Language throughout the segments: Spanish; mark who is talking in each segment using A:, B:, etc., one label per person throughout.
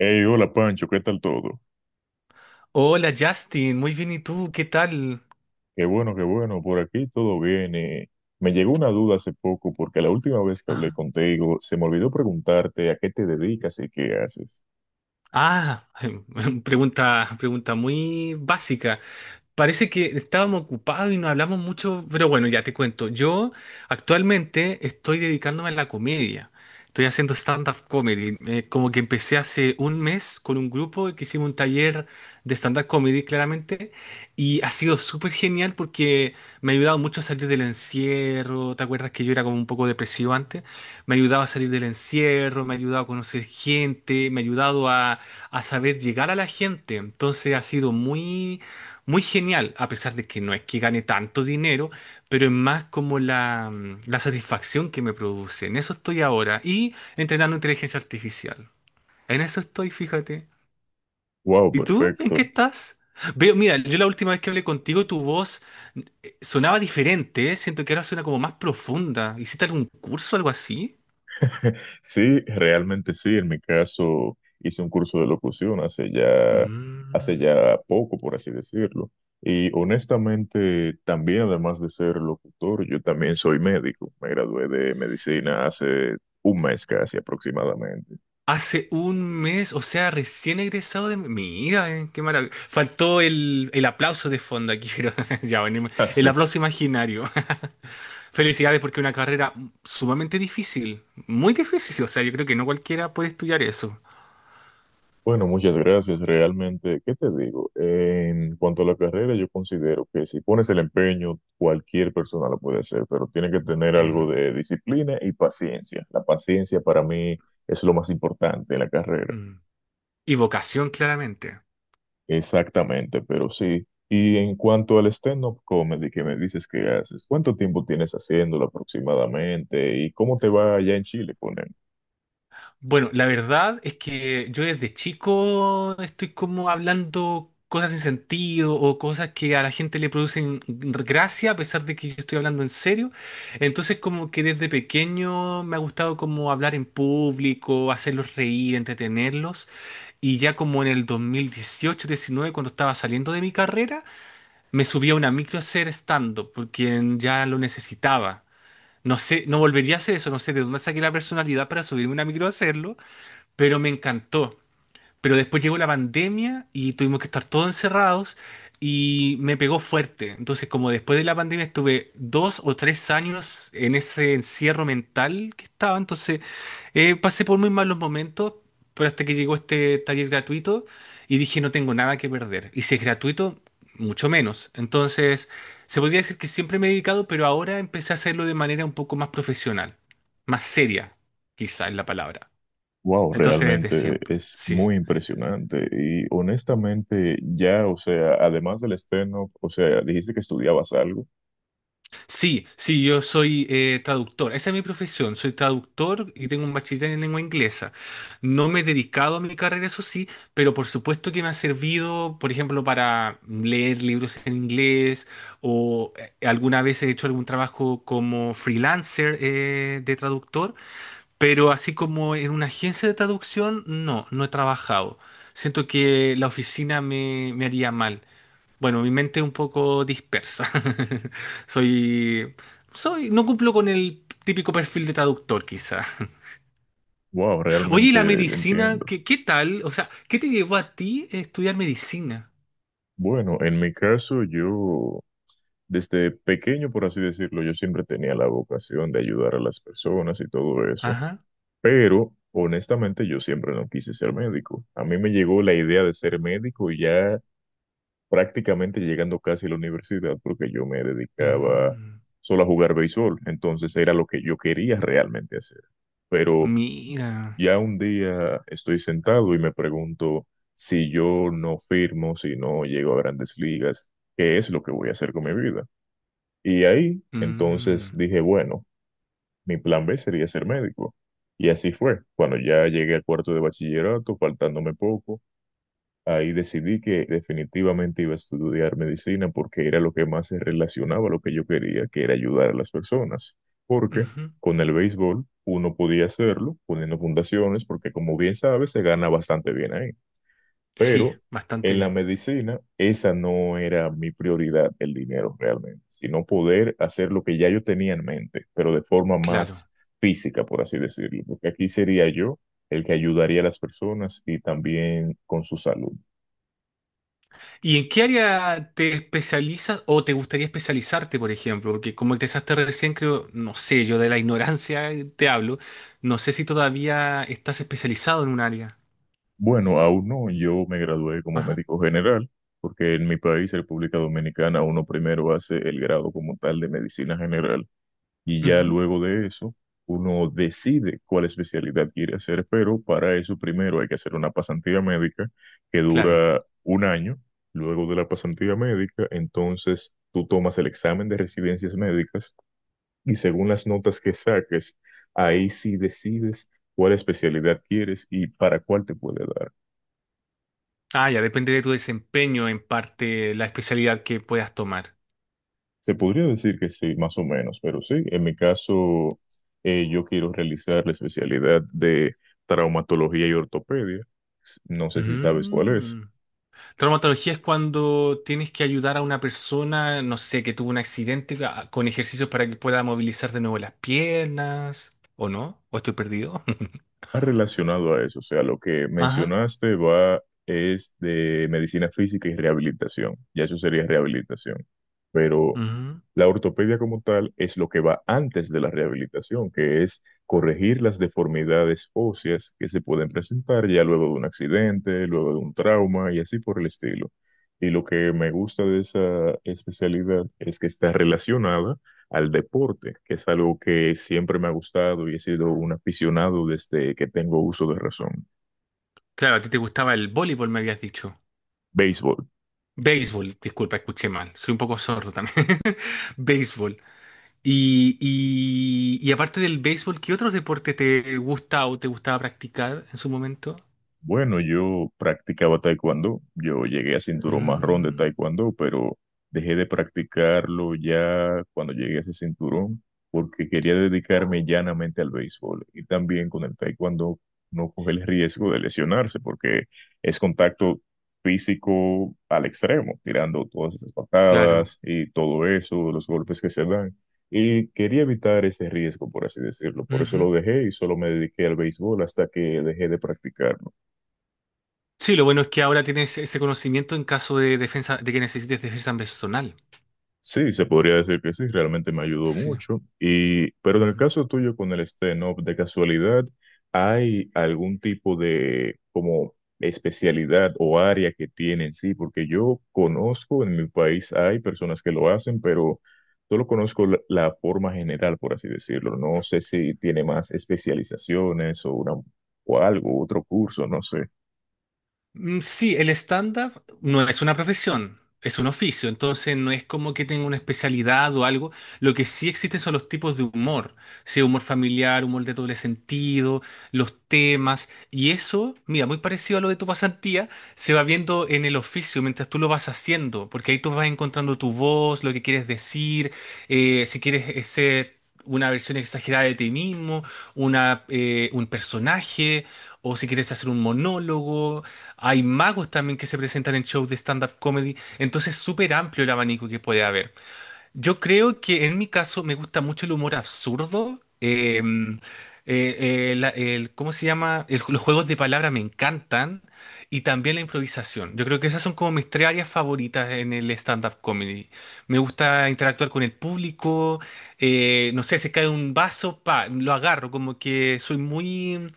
A: Hey, hola Pancho, ¿qué tal todo?
B: Hola Justin, muy bien, ¿y tú? ¿Qué tal?
A: Qué bueno, por aquí todo bien. Me llegó una duda hace poco porque la última vez que hablé
B: Ajá.
A: contigo se me olvidó preguntarte a qué te dedicas y qué haces.
B: Ah, pregunta muy básica. Parece que estábamos ocupados y no hablamos mucho, pero bueno, ya te cuento. Yo actualmente estoy dedicándome a la comedia. Estoy haciendo stand-up comedy. Como que empecé hace un mes con un grupo que hicimos un taller de stand-up comedy, claramente, y ha sido súper genial porque me ha ayudado mucho a salir del encierro. ¿Te acuerdas que yo era como un poco depresivo antes? Me ha ayudado a salir del encierro, me ha ayudado a conocer gente, me ha ayudado a saber llegar a la gente. Entonces ha sido muy genial, a pesar de que no es que gane tanto dinero, pero es más como la satisfacción que me produce. En eso estoy ahora. Y entrenando inteligencia artificial. En eso estoy, fíjate.
A: Wow,
B: ¿Y tú? ¿En qué
A: perfecto.
B: estás? Veo, mira, yo la última vez que hablé contigo, tu voz sonaba diferente, ¿eh? Siento que ahora suena como más profunda. ¿Hiciste algún curso o algo así?
A: Sí, realmente sí, en mi caso hice un curso de locución hace
B: Mm.
A: ya poco, por así decirlo. Y honestamente, también además de ser locutor, yo también soy médico. Me gradué de medicina hace un mes casi aproximadamente.
B: Hace un mes, o sea, recién egresado de... Mira, qué maravilla. Faltó el aplauso de fondo aquí, pero ya venimos. El aplauso imaginario. Felicidades porque es una carrera sumamente difícil, muy difícil. O sea, yo creo que no cualquiera puede estudiar eso.
A: Bueno, muchas gracias. Realmente, ¿qué te digo? En cuanto a la carrera, yo considero que si pones el empeño, cualquier persona lo puede hacer, pero tiene que tener
B: Mm,
A: algo de disciplina y paciencia. La paciencia para mí es lo más importante en la carrera.
B: mm. Y vocación, claramente.
A: Exactamente, pero sí. Y en cuanto al stand-up comedy que me dices que haces, ¿cuánto tiempo tienes haciéndolo aproximadamente y cómo te va allá en Chile con él?
B: Bueno, la verdad es que yo desde chico estoy como hablando cosas sin sentido o cosas que a la gente le producen gracia a pesar de que yo estoy hablando en serio. Entonces como que desde pequeño me ha gustado como hablar en público, hacerlos reír, entretenerlos. Y ya como en el 2018-19, cuando estaba saliendo de mi carrera, me subí a una micro a hacer stand-up porque ya lo necesitaba. No sé, no volvería a hacer eso, no sé de dónde saqué la personalidad para subirme a una micro a hacerlo, pero me encantó. Pero después llegó la pandemia y tuvimos que estar todos encerrados y me pegó fuerte. Entonces, como después de la pandemia estuve dos o tres años en ese encierro mental que estaba, entonces pasé por muy malos momentos, pero hasta que llegó este taller gratuito y dije no tengo nada que perder. Y si es gratuito, mucho menos. Entonces, se podría decir que siempre me he dedicado, pero ahora empecé a hacerlo de manera un poco más profesional, más seria, quizá es la palabra.
A: Wow,
B: Entonces, desde
A: realmente
B: siempre,
A: es
B: sí.
A: muy impresionante y honestamente ya, o sea, además del estreno, o sea, dijiste que estudiabas algo.
B: Sí, sí, yo soy traductor. Esa es mi profesión. Soy traductor y tengo un bachiller en lengua inglesa. No me he dedicado a mi carrera, eso sí, pero por supuesto que me ha servido, por ejemplo, para leer libros en inglés o alguna vez he hecho algún trabajo como freelancer de traductor, pero así como en una agencia de traducción, no, no he trabajado. Siento que la oficina me haría mal. Bueno, mi mente es un poco dispersa. Soy, soy, no cumplo con el típico perfil de traductor, quizá.
A: Wow,
B: Oye, ¿y
A: realmente
B: la medicina?
A: entiendo.
B: ¿ qué tal? O sea, ¿qué te llevó a ti a estudiar medicina?
A: Bueno, en mi caso yo desde pequeño, por así decirlo, yo siempre tenía la vocación de ayudar a las personas y todo eso,
B: Ajá.
A: pero honestamente yo siempre no quise ser médico. A mí me llegó la idea de ser médico ya prácticamente llegando casi a la universidad porque yo me dedicaba
B: Mm,
A: solo a jugar béisbol, entonces era lo que yo quería realmente hacer. Pero
B: mira.
A: ya un día estoy sentado y me pregunto si yo no firmo, si no llego a grandes ligas, ¿qué es lo que voy a hacer con mi vida? Y ahí entonces
B: Mm,
A: dije, bueno, mi plan B sería ser médico. Y así fue. Cuando ya llegué al cuarto de bachillerato, faltándome poco, ahí decidí que definitivamente iba a estudiar medicina porque era lo que más se relacionaba a lo que yo quería, que era ayudar a las personas. Porque
B: ujú.
A: con el béisbol uno podía hacerlo poniendo fundaciones, porque como bien sabes, se gana bastante bien ahí.
B: Sí,
A: Pero
B: bastante
A: en la
B: bien.
A: medicina, esa no era mi prioridad, el dinero realmente, sino poder hacer lo que ya yo tenía en mente, pero de forma
B: Claro.
A: más física, por así decirlo. Porque aquí sería yo el que ayudaría a las personas y también con su salud.
B: ¿Y en qué área te especializas o te gustaría especializarte, por ejemplo? Porque como empezaste recién, creo, no sé, yo de la ignorancia te hablo, no sé si todavía estás especializado en un área.
A: Bueno, aún no, yo me gradué como
B: Ajá.
A: médico general, porque en mi país, República Dominicana, uno primero hace el grado como tal de medicina general y ya
B: Ujú.
A: luego de eso uno decide cuál especialidad quiere hacer, pero para eso primero hay que hacer una pasantía médica que
B: Claro.
A: dura un año. Luego de la pasantía médica, entonces tú tomas el examen de residencias médicas y según las notas que saques, ahí sí decides cuál especialidad quieres y para cuál te puede dar.
B: Ah, ya depende de tu desempeño, en parte, la especialidad que puedas tomar.
A: Se podría decir que sí, más o menos, pero sí, en mi caso, yo quiero realizar la especialidad de traumatología y ortopedia. No sé si sabes cuál es.
B: Mm. Traumatología es cuando tienes que ayudar a una persona, no sé, que tuvo un accidente con ejercicios para que pueda movilizar de nuevo las piernas, ¿o no? ¿O estoy perdido?
A: Relacionado a eso, o sea, lo que
B: Ajá.
A: mencionaste va es de medicina física y rehabilitación, ya eso sería rehabilitación, pero
B: Ujú.
A: la ortopedia como tal es lo que va antes de la rehabilitación, que es corregir las deformidades óseas que se pueden presentar ya luego de un accidente, luego de un trauma y así por el estilo. Y lo que me gusta de esa especialidad es que está relacionada al deporte, que es algo que siempre me ha gustado y he sido un aficionado desde que tengo uso de razón.
B: Claro, a ti te gustaba el voleibol, me habías dicho.
A: Béisbol.
B: Béisbol, disculpa, escuché mal. Soy un poco sordo también. Béisbol. Y aparte del béisbol, ¿qué otros deportes te gusta o te gustaba practicar en su momento?
A: Bueno, yo practicaba taekwondo, yo llegué a cinturón marrón de
B: Mm,
A: taekwondo, pero dejé de practicarlo ya cuando llegué a ese cinturón porque quería dedicarme llanamente al béisbol y también con el taekwondo no coge el riesgo de lesionarse porque es contacto físico al extremo, tirando todas esas
B: claro.
A: patadas y todo eso, los golpes que se dan. Y quería evitar ese riesgo, por así decirlo. Por eso lo
B: Ujú.
A: dejé y solo me dediqué al béisbol hasta que dejé de practicarlo.
B: Sí, lo bueno es que ahora tienes ese conocimiento en caso de defensa, de que necesites defensa personal.
A: Sí, se podría decir que sí, realmente me ayudó
B: Sí.
A: mucho. Y, pero en el
B: Ujú.
A: caso tuyo con el stand-up, de casualidad, ¿hay algún tipo de como especialidad o área que tienen? Sí, porque yo conozco, en mi país hay personas que lo hacen, pero solo conozco la forma general, por así decirlo. No sé si tiene más especializaciones o una o algo, otro curso, no sé.
B: Mm, sí, el stand-up no es una profesión, es un oficio, entonces no es como que tenga una especialidad o algo. Lo que sí existen son los tipos de humor, sí, humor familiar, humor de doble sentido, los temas, y eso, mira, muy parecido a lo de tu pasantía, se va viendo en el oficio mientras tú lo vas haciendo, porque ahí tú vas encontrando tu voz, lo que quieres decir, si quieres ser una versión exagerada de ti mismo, un personaje, o si quieres hacer un monólogo. Hay magos también que se presentan en shows de stand-up comedy. Entonces es súper amplio el abanico que puede haber. Yo creo que en mi caso me gusta mucho el humor absurdo. ¿Cómo se llama? Los juegos de palabra me encantan. Y también la improvisación. Yo creo que esas son como mis tres áreas favoritas en el stand-up comedy. Me gusta interactuar con el público. No sé, se cae un vaso, pa, lo agarro. Como que soy muy,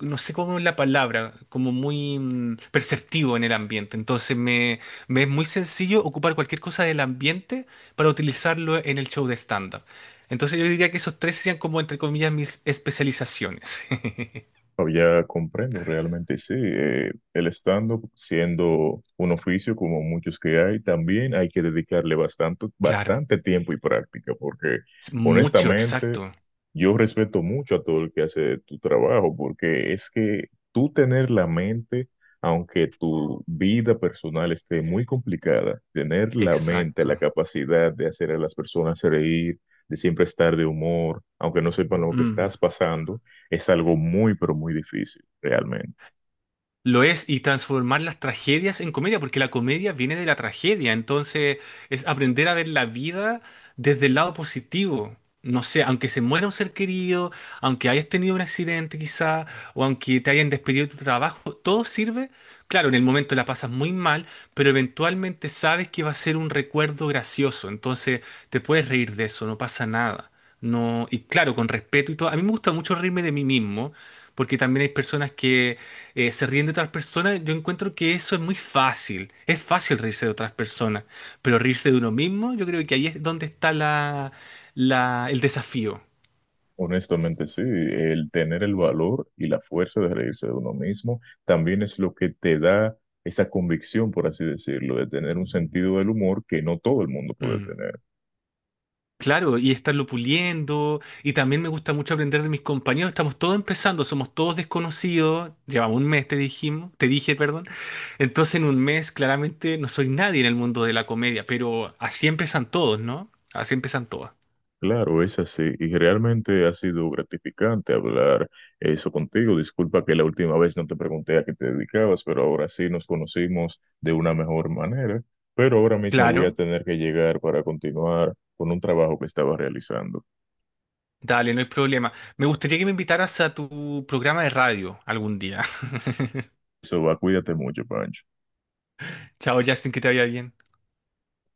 B: no sé cómo es la palabra, como muy perceptivo en el ambiente. Me es muy sencillo ocupar cualquier cosa del ambiente para utilizarlo en el show de stand-up. Entonces yo diría que esos tres serían como, entre comillas, mis especializaciones.
A: Oh, ya comprendo, realmente sí. El stand-up, siendo un oficio como muchos que hay, también hay que dedicarle bastante,
B: Claro,
A: bastante tiempo y práctica, porque
B: es mucho,
A: honestamente
B: exacto,
A: yo respeto mucho a todo el que hace tu trabajo, porque es que tú tener la mente, aunque tu vida personal esté muy complicada, tener la mente, la
B: exacto.
A: capacidad de hacer a las personas reír, de siempre estar de humor, aunque no sepan lo que
B: Mm.
A: estás pasando es algo muy, pero muy difícil, realmente.
B: Lo es, y transformar las tragedias en comedia, porque la comedia viene de la tragedia, entonces es aprender a ver la vida desde el lado positivo. No sé, aunque se muera un ser querido, aunque hayas tenido un accidente quizá, o aunque te hayan despedido de tu trabajo, todo sirve. Claro, en el momento la pasas muy mal, pero eventualmente sabes que va a ser un recuerdo gracioso, entonces te puedes reír de eso, no pasa nada. No, y claro, con respeto y todo. A mí me gusta mucho reírme de mí mismo, porque también hay personas que se ríen de otras personas, yo encuentro que eso es muy fácil. Es fácil reírse de otras personas, pero reírse de uno mismo, yo creo que ahí es donde está el desafío.
A: Honestamente, sí, el tener el valor y la fuerza de reírse de uno mismo también es lo que te da esa convicción, por así decirlo, de tener un sentido del humor que no todo el mundo puede
B: Mm.
A: tener.
B: Claro, y estarlo puliendo, y también me gusta mucho aprender de mis compañeros. Estamos todos empezando, somos todos desconocidos. Llevamos un mes, te dijimos, te dije, perdón. Entonces, en un mes, claramente no soy nadie en el mundo de la comedia, pero así empiezan todos, ¿no? Así empiezan todas.
A: Claro, es así, y realmente ha sido gratificante hablar eso contigo. Disculpa que la última vez no te pregunté a qué te dedicabas, pero ahora sí nos conocimos de una mejor manera. Pero ahora mismo voy a
B: Claro.
A: tener que llegar para continuar con un trabajo que estaba realizando.
B: Dale, no hay problema. Me gustaría que me invitaras a tu programa de radio algún día.
A: Eso va, cuídate mucho, Pancho.
B: Chao, Justin, que te vaya bien.